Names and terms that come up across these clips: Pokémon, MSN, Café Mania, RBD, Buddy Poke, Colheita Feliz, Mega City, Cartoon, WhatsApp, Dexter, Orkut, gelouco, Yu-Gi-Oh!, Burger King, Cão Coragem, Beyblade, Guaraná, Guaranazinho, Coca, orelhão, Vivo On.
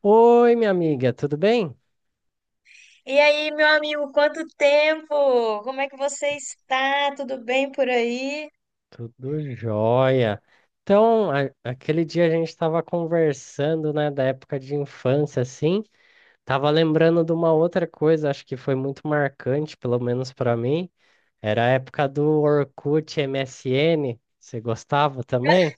Oi, minha amiga, tudo bem? E aí, meu amigo, quanto tempo? Como é que você está? Tudo bem por aí? Tudo jóia. Então, aquele dia a gente estava conversando, né, da época de infância, assim, tava lembrando de uma outra coisa, acho que foi muito marcante, pelo menos para mim, era a época do Orkut MSN. Você gostava também?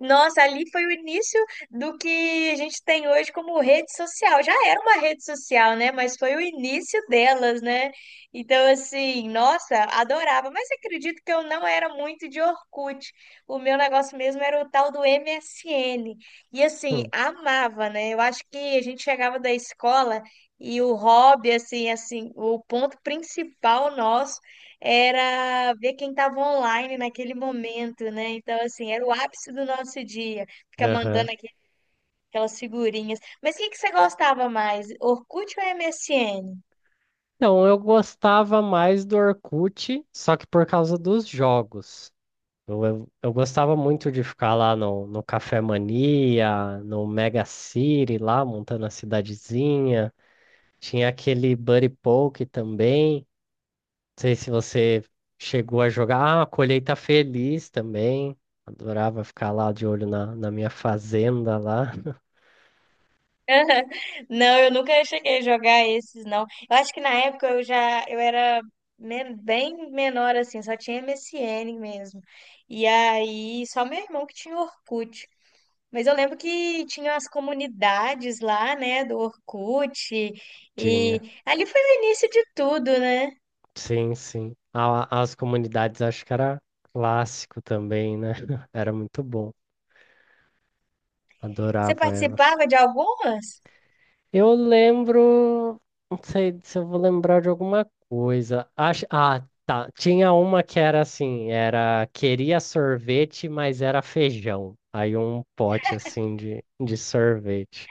Nossa, ali foi o início do que a gente tem hoje como rede social. Já era uma rede social, né? Mas foi o início delas, né? Então, assim, nossa, adorava. Mas acredito que eu não era muito de Orkut. O meu negócio mesmo era o tal do MSN. E, assim, Hum, amava, né? Eu acho que a gente chegava da escola e o hobby, assim, assim, o ponto principal nosso era ver quem estava online naquele momento, né? Então, assim, era o ápice do nosso dia, ficar aham. mandando aquelas figurinhas. Mas o que que você gostava mais, Orkut ou MSN? Então, eu gostava mais do Orkut, só que por causa dos jogos. Eu gostava muito de ficar lá no Café Mania, no Mega City, lá montando a cidadezinha. Tinha aquele Buddy Poke também. Não sei se você chegou a jogar. Ah, Colheita Feliz também. Adorava ficar lá de olho na minha fazenda lá. Não, eu nunca cheguei a jogar esses, não. Eu acho que na época eu era bem menor, assim, só tinha MSN mesmo. E aí, só meu irmão que tinha Orkut. Mas eu lembro que tinha as comunidades lá, né, do Orkut, e Tinha. ali foi o início de tudo, né? Sim, sim. As comunidades acho que era clássico também, né? Era muito bom. Você Adorava elas. participava de algumas? Eu lembro, não sei se eu vou lembrar de alguma coisa. Acho, ah, tá. Tinha uma que era assim, era queria sorvete, mas era feijão. Aí um pote assim de sorvete.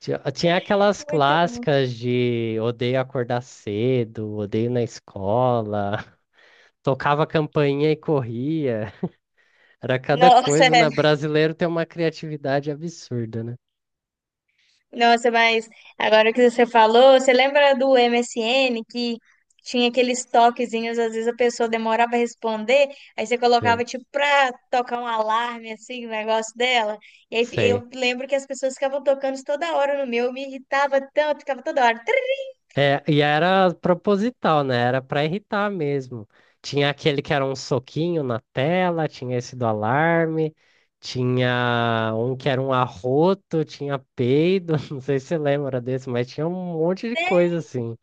Tinha aquelas Muito bom. clássicas de odeio acordar cedo, odeio na escola, tocava campainha e corria. Era cada Nossa, coisa, é. né? Brasileiro tem uma criatividade absurda, né? Nossa, mas agora que você falou, você lembra do MSN que tinha aqueles toquezinhos, às vezes a pessoa demorava a responder, aí você Sim, colocava tipo pra tocar um alarme assim, o negócio dela. E aí sei. eu lembro que as pessoas ficavam tocando isso toda hora no meu, eu me irritava tanto, ficava toda hora. É, e era proposital, né? Era pra irritar mesmo. Tinha aquele que era um soquinho na tela, tinha esse do alarme, tinha um que era um arroto, tinha peido, não sei se você lembra desse, mas tinha um monte de coisa assim.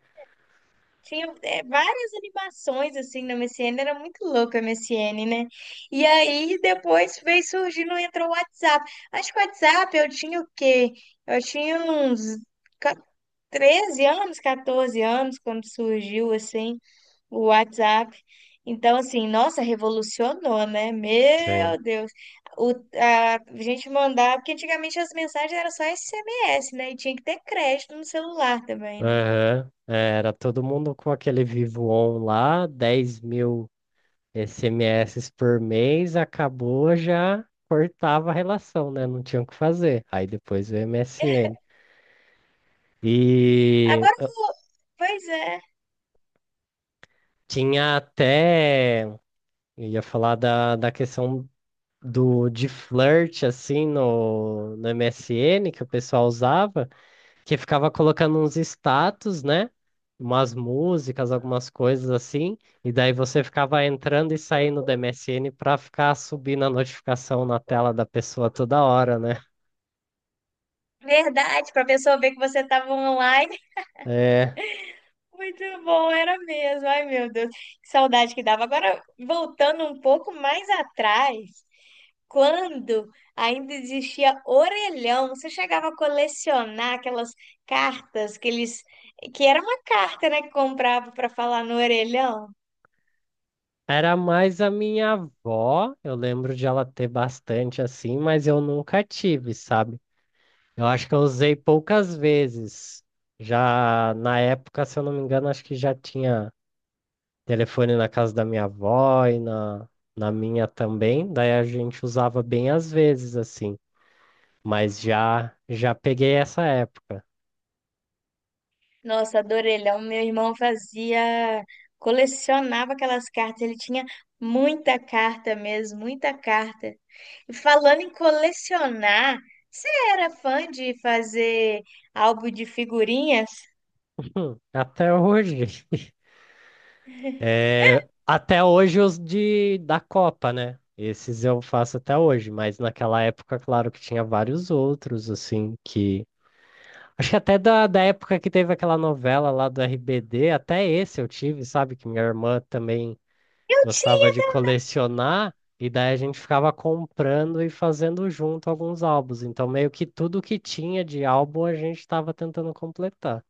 Tinha várias animações assim na MSN, era muito louco a MSN, né? E aí depois veio surgindo, entrou o WhatsApp. Acho que o WhatsApp eu tinha o quê? Eu tinha uns ca- 13 anos, 14 anos quando surgiu assim o WhatsApp. Então, assim, nossa, revolucionou, né? Sim. Meu Deus. A gente mandava, porque antigamente as mensagens eram só SMS, né? E tinha que ter crédito no celular também, né? Aham. É, era todo mundo com aquele Vivo On lá, 10 mil SMS por mês, acabou, já cortava a relação, né? Não tinha o que fazer. Aí depois o MSN. E Agora eu vou- Pois é. tinha até, eu ia falar da, questão do de flirt assim no MSN que o pessoal usava, que ficava colocando uns status, né? Umas músicas, algumas coisas assim, e daí você ficava entrando e saindo do MSN pra ficar subindo a notificação na tela da pessoa toda hora, né? Verdade, para a pessoa ver que você estava online. É, Muito bom, era mesmo. Ai, meu Deus, que saudade que dava. Agora, voltando um pouco mais atrás, quando ainda existia orelhão, você chegava a colecionar aquelas cartas que era uma carta, né, que comprava para falar no orelhão. era mais a minha avó, eu lembro de ela ter bastante assim, mas eu nunca tive, sabe? Eu acho que eu usei poucas vezes. Já na época, se eu não me engano, acho que já tinha telefone na casa da minha avó e na, na minha também. Daí a gente usava bem às vezes, assim. Mas já já peguei essa época. Nossa, do orelhão, meu irmão fazia, colecionava aquelas cartas, ele tinha muita carta mesmo, muita carta. E, falando em colecionar, você era fã de fazer álbum de figurinhas? Até hoje. É, até hoje os de da Copa, né? Esses eu faço até hoje, mas naquela época, claro que tinha vários outros, assim, que acho que até da, da época que teve aquela novela lá do RBD, até esse eu tive, sabe? Que minha irmã também Eu gostava de colecionar, e daí a gente ficava comprando e fazendo junto alguns álbuns. Então, meio que tudo que tinha de álbum a gente estava tentando completar.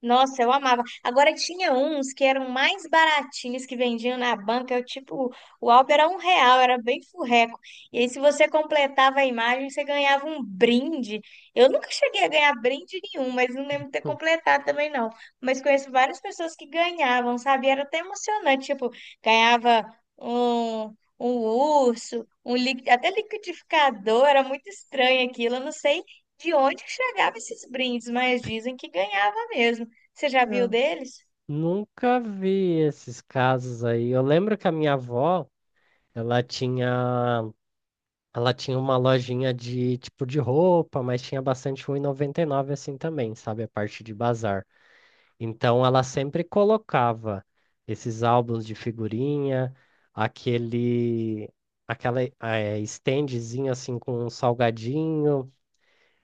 Nossa, eu amava. Agora tinha uns que eram mais baratinhos que vendiam na banca, tipo, o álbum era um real, era bem furreco. E aí, se você completava a imagem, você ganhava um brinde. Eu nunca cheguei a ganhar brinde nenhum, mas não lembro de ter Hum. completado também, não. Mas conheço várias pessoas que ganhavam, sabe? Era até emocionante, tipo, ganhava um urso, até liquidificador, era muito estranho aquilo. Eu não sei de onde que chegava esses brindes, mas dizem que ganhava mesmo. Você já viu Não. deles? Nunca vi esses casos aí. Eu lembro que a minha avó, ela tinha, ela tinha uma lojinha de tipo de roupa, mas tinha bastante 1,99 assim também, sabe? A parte de bazar. Então ela sempre colocava esses álbuns de figurinha, aquele, aquela standzinha assim com um salgadinho.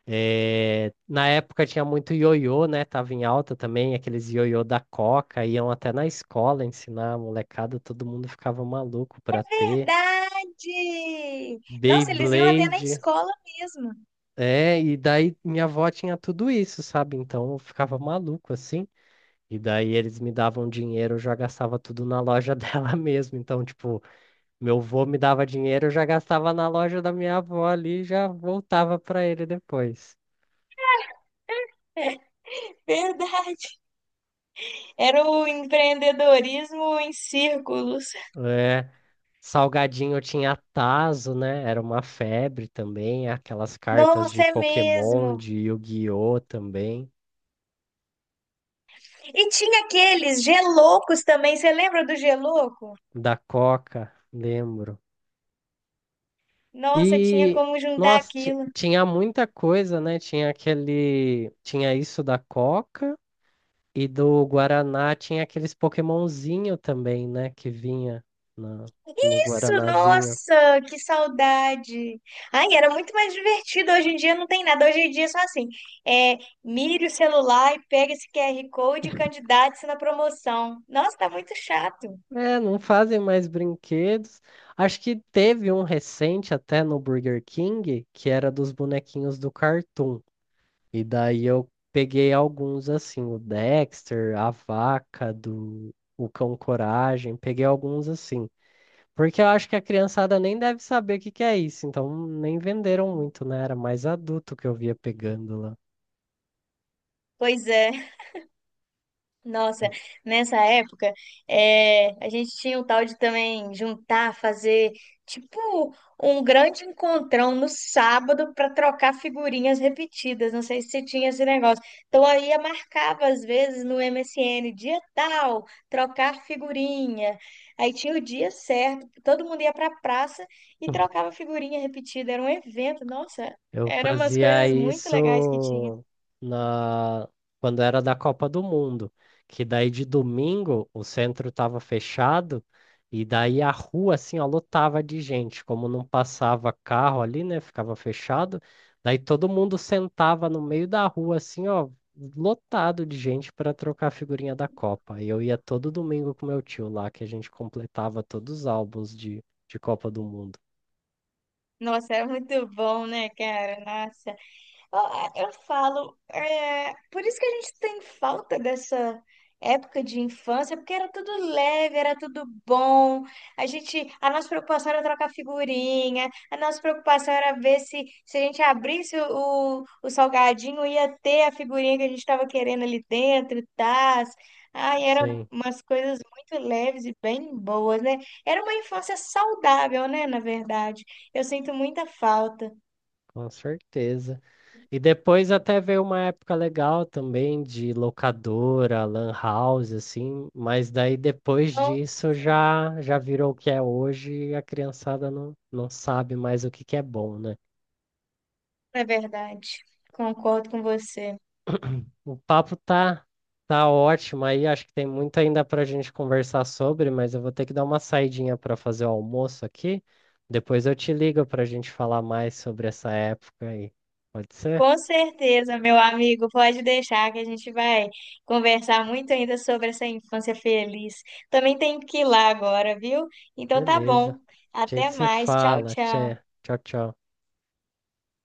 Na época tinha muito ioiô, né? Tava em alta também, aqueles ioiô da Coca, iam até na escola ensinar a molecada, todo mundo ficava maluco pra ter. Verdade! Nossa, eles iam até na Beyblade, escola mesmo. é, e daí minha avó tinha tudo isso, sabe? Então eu ficava maluco assim. E daí eles me davam dinheiro, eu já gastava tudo na loja dela mesmo. Então, tipo, meu vô me dava dinheiro, eu já gastava na loja da minha avó ali e já voltava pra ele depois. Verdade. Era o empreendedorismo em círculos. É, salgadinho tinha tazo né? Era uma febre também, aquelas cartas Nossa, de é Pokémon, mesmo. de Yu-Gi-Oh! Também, E tinha aqueles geloucos também. Você lembra do gelouco? da Coca, lembro. Nossa, tinha E como juntar nossa, aquilo. tinha muita coisa, né? Tinha aquele, tinha isso da Coca e do Guaraná tinha aqueles Pokémonzinho também, né? Que vinha na- no Isso, Guaranazinho. nossa, que saudade. Ai, era muito mais divertido. Hoje em dia não tem nada. Hoje em dia é só assim, é, mire o celular e pega esse QR Code e candidate-se na promoção. Nossa, tá muito chato. É, não fazem mais brinquedos. Acho que teve um recente até no Burger King, que era dos bonequinhos do Cartoon. E daí eu peguei alguns assim, o Dexter, a vaca do o Cão Coragem, peguei alguns assim. Porque eu acho que a criançada nem deve saber o que que é isso, então nem venderam muito, né? Era mais adulto que eu via pegando lá. Pois é. Nossa, nessa época, a gente tinha o tal de também juntar, fazer tipo um grande encontrão no sábado para trocar figurinhas repetidas. Não sei se você tinha esse negócio. Então, aí eu marcava às vezes no MSN, dia tal, trocar figurinha. Aí tinha o dia certo, todo mundo ia para a praça e trocava figurinha repetida. Era um evento, nossa, Eu eram umas fazia coisas muito legais que tinha. isso na... quando era da Copa do Mundo, que daí de domingo o centro estava fechado e daí a rua assim, ó, lotava de gente, como não passava carro ali, né, ficava fechado, daí todo mundo sentava no meio da rua assim, ó, lotado de gente para trocar a figurinha da Copa. E eu ia todo domingo com meu tio lá, que a gente completava todos os álbuns de Copa do Mundo. Nossa, era muito bom, né, cara? Nossa. Ah, eu falo, por isso que a gente tem falta dessa época de infância, porque era tudo leve, era tudo bom. A nossa preocupação era trocar figurinha, a nossa preocupação era ver se a gente abrisse o salgadinho, ia ter a figurinha que a gente estava querendo ali dentro, tás. Ai, eram Sim, umas coisas muito leves e bem boas, né? Era uma infância saudável, né, na verdade. Eu sinto muita falta. com certeza. E depois até veio uma época legal também de locadora, lan house, assim, mas daí depois Então, disso já já virou o que é hoje e a criançada não, não sabe mais o que que é bom, né? é verdade. Concordo com você. O papo tá ótimo aí, acho que tem muito ainda pra gente conversar sobre, mas eu vou ter que dar uma saidinha para fazer o almoço aqui. Depois eu te ligo pra gente falar mais sobre essa época aí. Pode ser? Com certeza, meu amigo, pode deixar que a gente vai conversar muito ainda sobre essa infância feliz. Também tenho que ir lá agora, viu? Então, tá bom. Beleza. A gente Até se mais. Tchau, fala. tchau. Tchê. Tchau, tchau.